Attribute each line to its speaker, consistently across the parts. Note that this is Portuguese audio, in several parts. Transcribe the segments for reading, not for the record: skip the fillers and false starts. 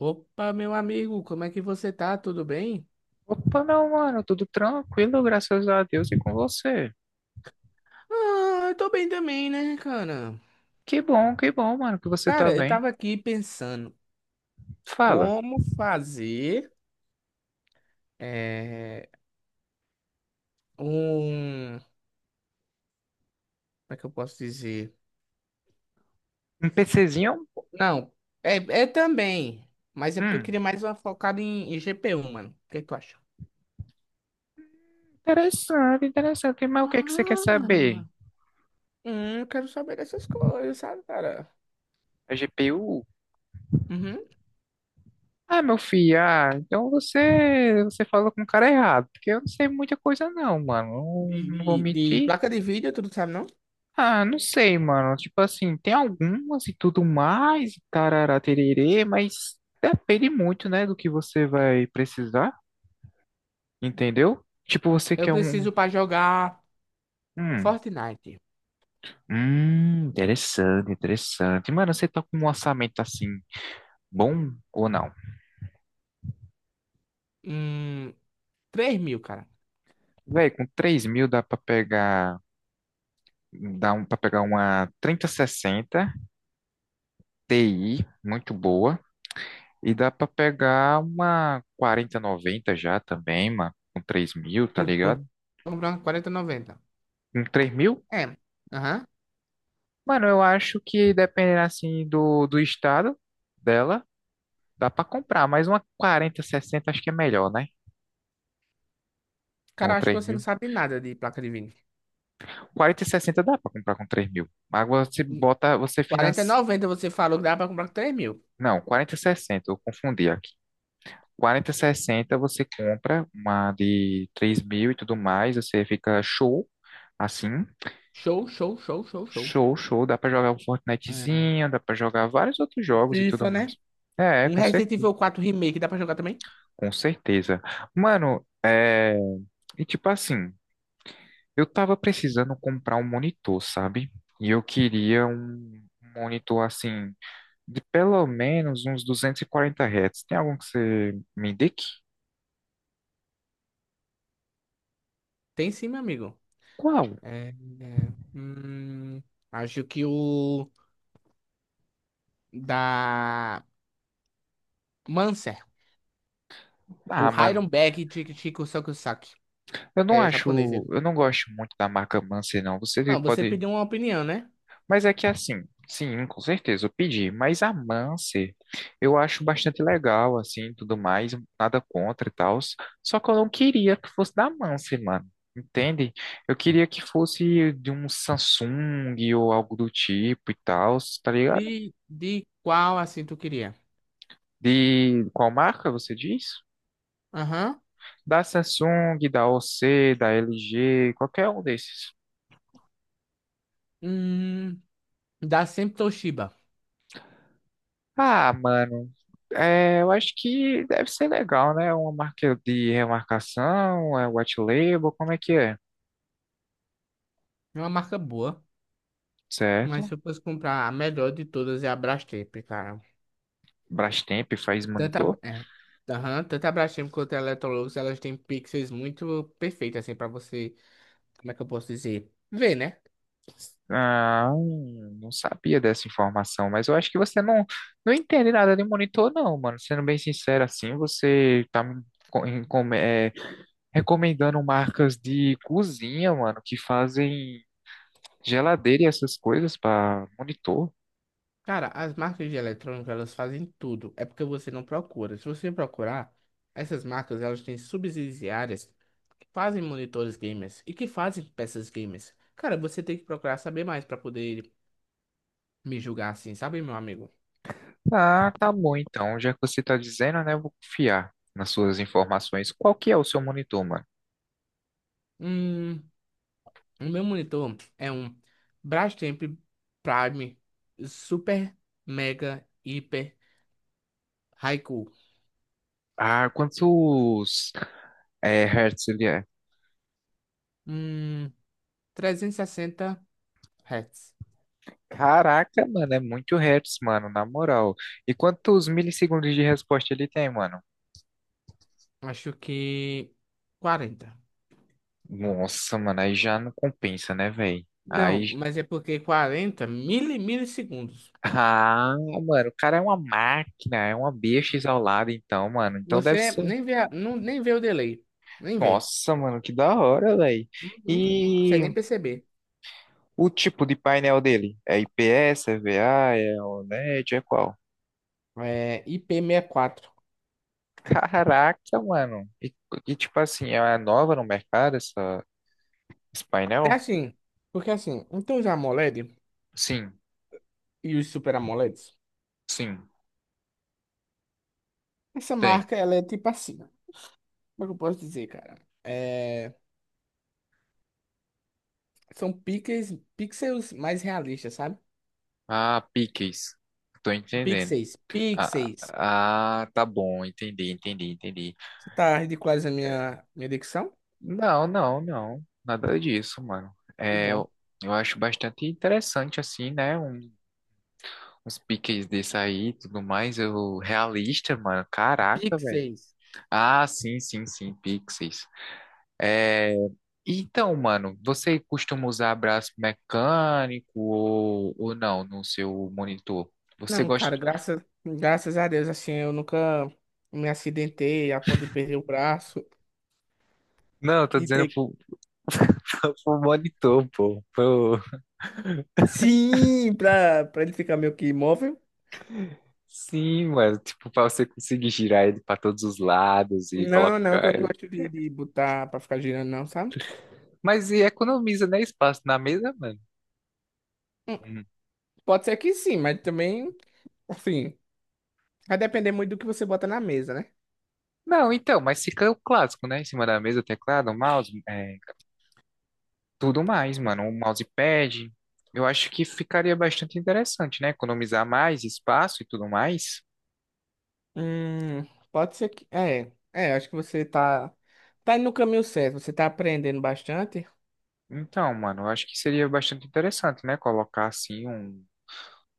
Speaker 1: Opa, meu amigo, como é que você tá? Tudo bem?
Speaker 2: Opa, não, mano, tudo tranquilo, graças a Deus e com você.
Speaker 1: Ah, eu tô bem também, né, cara?
Speaker 2: Que bom, mano, que você tá
Speaker 1: Cara, eu
Speaker 2: bem.
Speaker 1: tava aqui pensando
Speaker 2: Fala,
Speaker 1: como fazer é, Como é que eu posso dizer?
Speaker 2: um PCzinho?
Speaker 1: Não, é, é também, mas é porque eu
Speaker 2: Hum,
Speaker 1: queria mais uma focada em GPU, mano. O que que tu acha?
Speaker 2: interessante, interessante, mas o que é que você quer
Speaker 1: Ah,
Speaker 2: saber?
Speaker 1: Eu quero saber dessas coisas, sabe, cara?
Speaker 2: A GPU?
Speaker 1: Uhum.
Speaker 2: Ah, meu filho, ah, então você falou com o cara errado, porque eu não sei muita coisa não, mano.
Speaker 1: De,
Speaker 2: Não, não vou
Speaker 1: de, de
Speaker 2: mentir.
Speaker 1: placa de vídeo, tu não sabe, não?
Speaker 2: Ah, não sei, mano, tipo assim, tem algumas e tudo mais, tarará, tererê, mas depende muito, né, do que você vai precisar. Entendeu? Tipo, você
Speaker 1: Eu
Speaker 2: quer um.
Speaker 1: preciso pra jogar
Speaker 2: Hum,
Speaker 1: Fortnite.
Speaker 2: interessante, interessante. Mano, você tá com um orçamento assim, bom ou não?
Speaker 1: Hum. 3.000, cara.
Speaker 2: Véi, com 3.000 dá pra pegar. Dá pra pegar uma 3060 Ti, muito boa. E dá pra pegar uma 4090 já também, mano. Com 3.000, tá
Speaker 1: Com, com,
Speaker 2: ligado?
Speaker 1: comprando 4090.
Speaker 2: Com 3.000?
Speaker 1: É. Aham.
Speaker 2: Mano, eu acho que dependendo assim do estado dela, dá pra comprar. Mas uma 4060 acho que é melhor, né? Com
Speaker 1: Cara, acho que
Speaker 2: três
Speaker 1: você não
Speaker 2: mil.
Speaker 1: sabe nada de placa de vídeo.
Speaker 2: 4060 dá para comprar com 3.000. Agora você bota, você
Speaker 1: quarenta e
Speaker 2: financia.
Speaker 1: noventa você falou que dá pra comprar com 3.000.
Speaker 2: Não, 4060 eu confundi aqui. 4060 você compra uma de 3.000 e tudo mais, você fica show, assim,
Speaker 1: Show, show, show, show, show.
Speaker 2: show, show. Dá para jogar um
Speaker 1: É.
Speaker 2: Fortnitezinho, dá para jogar vários outros
Speaker 1: E
Speaker 2: jogos e tudo
Speaker 1: FIFA,
Speaker 2: mais.
Speaker 1: né?
Speaker 2: É, é,
Speaker 1: Um
Speaker 2: com
Speaker 1: Resident
Speaker 2: certeza,
Speaker 1: Evil 4 Remake dá pra jogar também?
Speaker 2: com certeza. Mano, é. E tipo assim, eu tava precisando comprar um monitor, sabe? E eu queria um monitor assim de pelo menos uns 240 Hz. Tem algum que você me indique?
Speaker 1: Tem sim, meu amigo.
Speaker 2: Qual?
Speaker 1: É, é, hum, acho que o da Manser.
Speaker 2: Ah,
Speaker 1: O
Speaker 2: mano,
Speaker 1: Iron Bag Chico Chico Sokusaki.
Speaker 2: eu não
Speaker 1: É japonês
Speaker 2: acho,
Speaker 1: ele.
Speaker 2: eu não gosto muito da marca Mancer, não. Você
Speaker 1: Não, você
Speaker 2: pode,
Speaker 1: pediu uma opinião, né?
Speaker 2: mas é que é assim, sim, com certeza eu pedi, mas a Mancer eu acho bastante legal, assim, tudo mais, nada contra e tal. Só que eu não queria que fosse da Mancer, mano. Entende? Eu queria que fosse de um Samsung ou algo do tipo e tal, tá ligado?
Speaker 1: De qual assim tu queria?
Speaker 2: De qual marca você diz?
Speaker 1: Aham.
Speaker 2: Da Samsung, da OC, da LG, qualquer um desses.
Speaker 1: Hum, dá sempre Toshiba.
Speaker 2: Ah, mano, é, eu acho que deve ser legal, né? Uma marca de remarcação, é white label, como é que é?
Speaker 1: É uma marca boa. Mas
Speaker 2: Certo?
Speaker 1: se eu fosse comprar a melhor de todas é a Brastemp, cara.
Speaker 2: Brastemp faz
Speaker 1: Tanto
Speaker 2: monitor?
Speaker 1: a, é, aham, tanto a Brastemp quanto a Electrolux, elas têm pixels muito perfeitos, assim, pra você. Como é que eu posso dizer? Ver, né?
Speaker 2: Ah, não sabia dessa informação, mas eu acho que você não, não entende nada de monitor, não, mano. Sendo bem sincero assim, você tá me co- em- com- é, recomendando marcas de cozinha, mano, que fazem geladeira e essas coisas para monitor?
Speaker 1: Cara, as marcas de eletrônica, elas fazem tudo. É porque você não procura. Se você procurar, essas marcas, elas têm subsidiárias que fazem monitores gamers e que fazem peças gamers. Cara, você tem que procurar saber mais pra poder me julgar assim, sabe, meu amigo?
Speaker 2: Ah, tá bom então. Já que você tá dizendo, né, eu vou confiar nas suas informações. Qual que é o seu monitor, mano?
Speaker 1: Hum, o meu monitor é um Brastemp Prime Super Mega Hiper Haiku.
Speaker 2: Ah, quantos hertz ele é?
Speaker 1: Hum, trezentos e sessenta Hz.
Speaker 2: Caraca, mano, é muito hertz, mano, na moral. E quantos milissegundos de resposta ele tem, mano?
Speaker 1: Acho que 40.
Speaker 2: Nossa, mano, aí já não compensa, né, velho?
Speaker 1: Não,
Speaker 2: Aí.
Speaker 1: mas é porque 40 milissegundos.
Speaker 2: Ah, mano, o cara é uma máquina, é uma bicha exaulada, então, mano. Então deve
Speaker 1: Você
Speaker 2: ser.
Speaker 1: nem vê, não, nem vê o delay. Nem vê.
Speaker 2: Nossa, mano, que da hora, velho.
Speaker 1: Uhum. Não
Speaker 2: E
Speaker 1: consegue nem perceber.
Speaker 2: o tipo de painel dele? É IPS, é VA, é OLED, é qual?
Speaker 1: É IP quatro.
Speaker 2: Caraca, mano. E, tipo assim, é nova no mercado esse
Speaker 1: É
Speaker 2: painel?
Speaker 1: assim, porque assim, então os AMOLED
Speaker 2: Sim,
Speaker 1: e os Super AMOLED.
Speaker 2: sim,
Speaker 1: Essa
Speaker 2: tem.
Speaker 1: marca, ela é tipo assim, ó. Como é que eu posso dizer, cara? São pixels, pixels mais realistas, sabe?
Speaker 2: Ah, piques. Tô entendendo.
Speaker 1: Pixels,
Speaker 2: Ah,
Speaker 1: pixels.
Speaker 2: ah, tá bom, entendi, entendi, entendi.
Speaker 1: Você tá ridicularizando a minha dicção?
Speaker 2: Não, não, não. Nada disso, mano.
Speaker 1: Que
Speaker 2: É,
Speaker 1: bom.
Speaker 2: eu acho bastante interessante, assim, né? Os piques desse aí e tudo mais, eu realista, mano. Caraca, velho.
Speaker 1: Pixels.
Speaker 2: Ah, sim, sim, sim, Pixies. É, então, mano, você costuma usar braço mecânico ou não no seu monitor? Você
Speaker 1: Não,
Speaker 2: gosta.
Speaker 1: cara, graças a Deus, assim, eu nunca me acidentei a ponto de perder o braço
Speaker 2: Não, eu tô
Speaker 1: e
Speaker 2: dizendo
Speaker 1: ter...
Speaker 2: pro, pro monitor, pô.
Speaker 1: Sim, pra ele ficar meio que imóvel.
Speaker 2: Sim, mano, tipo, pra você conseguir girar ele pra todos os lados e
Speaker 1: Não, não, que eu
Speaker 2: colocar
Speaker 1: não
Speaker 2: ele.
Speaker 1: gosto de botar pra ficar girando, não, sabe?
Speaker 2: Mas e economiza, né, espaço na mesa, mano?
Speaker 1: Hum, Pode ser que sim, mas também, assim... Vai depender muito do que você bota na mesa, né?
Speaker 2: Não, então, mas fica o clássico, né? Em cima da mesa, teclado, mouse, é, tudo mais, mano. Um mousepad. Eu acho que ficaria bastante interessante, né? Economizar mais espaço e tudo mais.
Speaker 1: Hum, pode ser que. Acho que você tá. Tá indo no caminho certo, você tá aprendendo bastante.
Speaker 2: Então, mano, eu acho que seria bastante interessante, né? Colocar assim um,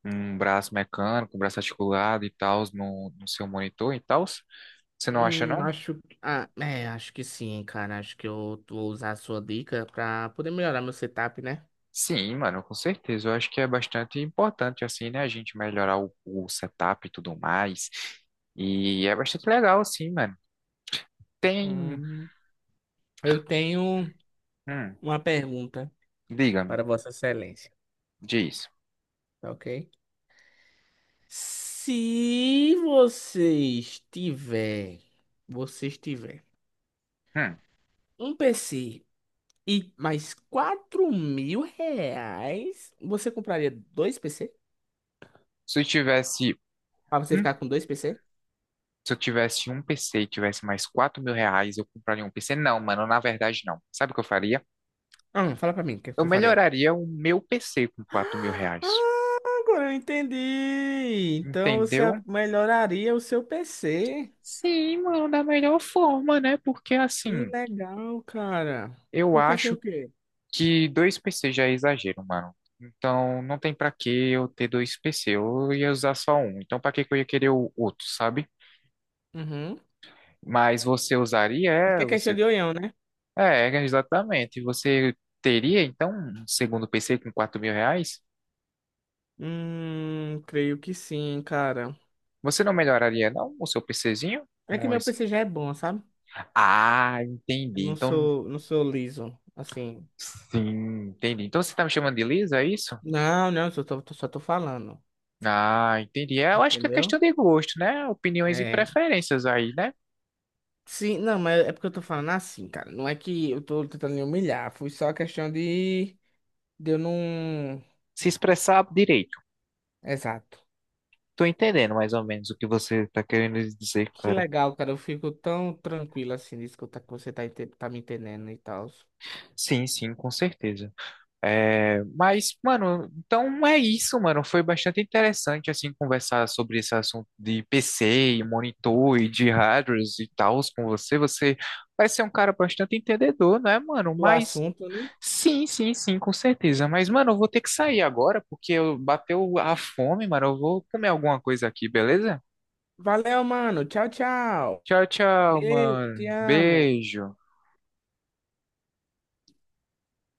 Speaker 2: um braço mecânico, um braço articulado e tal no seu monitor e tal. Você não acha,
Speaker 1: Hum,
Speaker 2: não?
Speaker 1: acho. Ah, acho que sim, cara. Acho que eu vou usar a sua dica pra poder melhorar meu setup, né?
Speaker 2: Sim, mano, com certeza. Eu acho que é bastante importante, assim, né? A gente melhorar o setup e tudo mais. E é bastante legal, assim, mano. Tem.
Speaker 1: Hum, eu tenho
Speaker 2: Hum,
Speaker 1: uma pergunta
Speaker 2: diga-me,
Speaker 1: para Vossa Excelência,
Speaker 2: diz.
Speaker 1: tá ok? Se você estiver. Você estiver.
Speaker 2: Hum,
Speaker 1: Um PC e mais R$ 4.000, você compraria dois PC?
Speaker 2: se eu tivesse.
Speaker 1: Pra você
Speaker 2: hum,
Speaker 1: ficar com dois PC?
Speaker 2: se eu tivesse um PC e tivesse mais R$ 4.000, eu compraria um PC? Não, mano, na verdade não. Sabe o que eu faria?
Speaker 1: Ah, fala pra mim, o que
Speaker 2: Eu
Speaker 1: eu faria?
Speaker 2: melhoraria o meu PC com R$ 4.000.
Speaker 1: Ah, agora eu entendi. Então você
Speaker 2: Entendeu?
Speaker 1: melhoraria o seu PC.
Speaker 2: Sim, mano, da melhor forma, né? Porque
Speaker 1: Que
Speaker 2: assim,
Speaker 1: legal, cara.
Speaker 2: eu
Speaker 1: Porque assim o
Speaker 2: acho
Speaker 1: quê?
Speaker 2: que dois PCs já é exagero, mano. Então, não tem pra que eu ter dois PC, eu ia usar só um. Então, pra que que eu ia querer o outro, sabe?
Speaker 1: Uhum.
Speaker 2: Mas você usaria,
Speaker 1: Isso que
Speaker 2: é,
Speaker 1: é questão
Speaker 2: você
Speaker 1: de olhão, né?
Speaker 2: É, exatamente. Você teria, então, um segundo PC com R$ 4.000?
Speaker 1: Creio que sim, cara.
Speaker 2: Você não melhoraria, não, o seu PCzinho
Speaker 1: É que
Speaker 2: com
Speaker 1: meu
Speaker 2: isso?
Speaker 1: PC já é bom, sabe?
Speaker 2: Ah,
Speaker 1: Eu
Speaker 2: entendi.
Speaker 1: não
Speaker 2: Então,
Speaker 1: sou, não sou liso, assim.
Speaker 2: sim, entendi. Então, você tá me chamando de Lisa, é isso?
Speaker 1: Não, não, só tô falando.
Speaker 2: Ah, entendi. É, eu acho que é questão
Speaker 1: Entendeu?
Speaker 2: de gosto, né? Opiniões e
Speaker 1: É.
Speaker 2: preferências aí, né?
Speaker 1: Sim, não, mas é porque eu tô falando assim, cara. Não é que eu tô tentando me humilhar, foi só a questão de eu não.
Speaker 2: Se expressar direito.
Speaker 1: Exato.
Speaker 2: Tô entendendo mais ou menos o que você tá querendo dizer,
Speaker 1: Que
Speaker 2: cara.
Speaker 1: legal, cara. Eu fico tão tranquilo assim de escutar que você tá me entendendo e tal.
Speaker 2: Sim, sim, com certeza. É, mas, mano, então é isso, mano. Foi bastante interessante, assim, conversar sobre esse assunto de PC, e monitor e de hardwares e tals com você. Você parece ser um cara bastante entendedor, né, mano?
Speaker 1: Do
Speaker 2: Mas,
Speaker 1: assunto, né?
Speaker 2: sim, sim, sim, com certeza. Mas, mano, eu vou ter que sair agora porque eu bateu a fome, mano. Eu vou comer alguma coisa aqui, beleza?
Speaker 1: Valeu, mano. Tchau, tchau.
Speaker 2: Tchau, tchau,
Speaker 1: Beijo, te
Speaker 2: mano.
Speaker 1: amo.
Speaker 2: Beijo.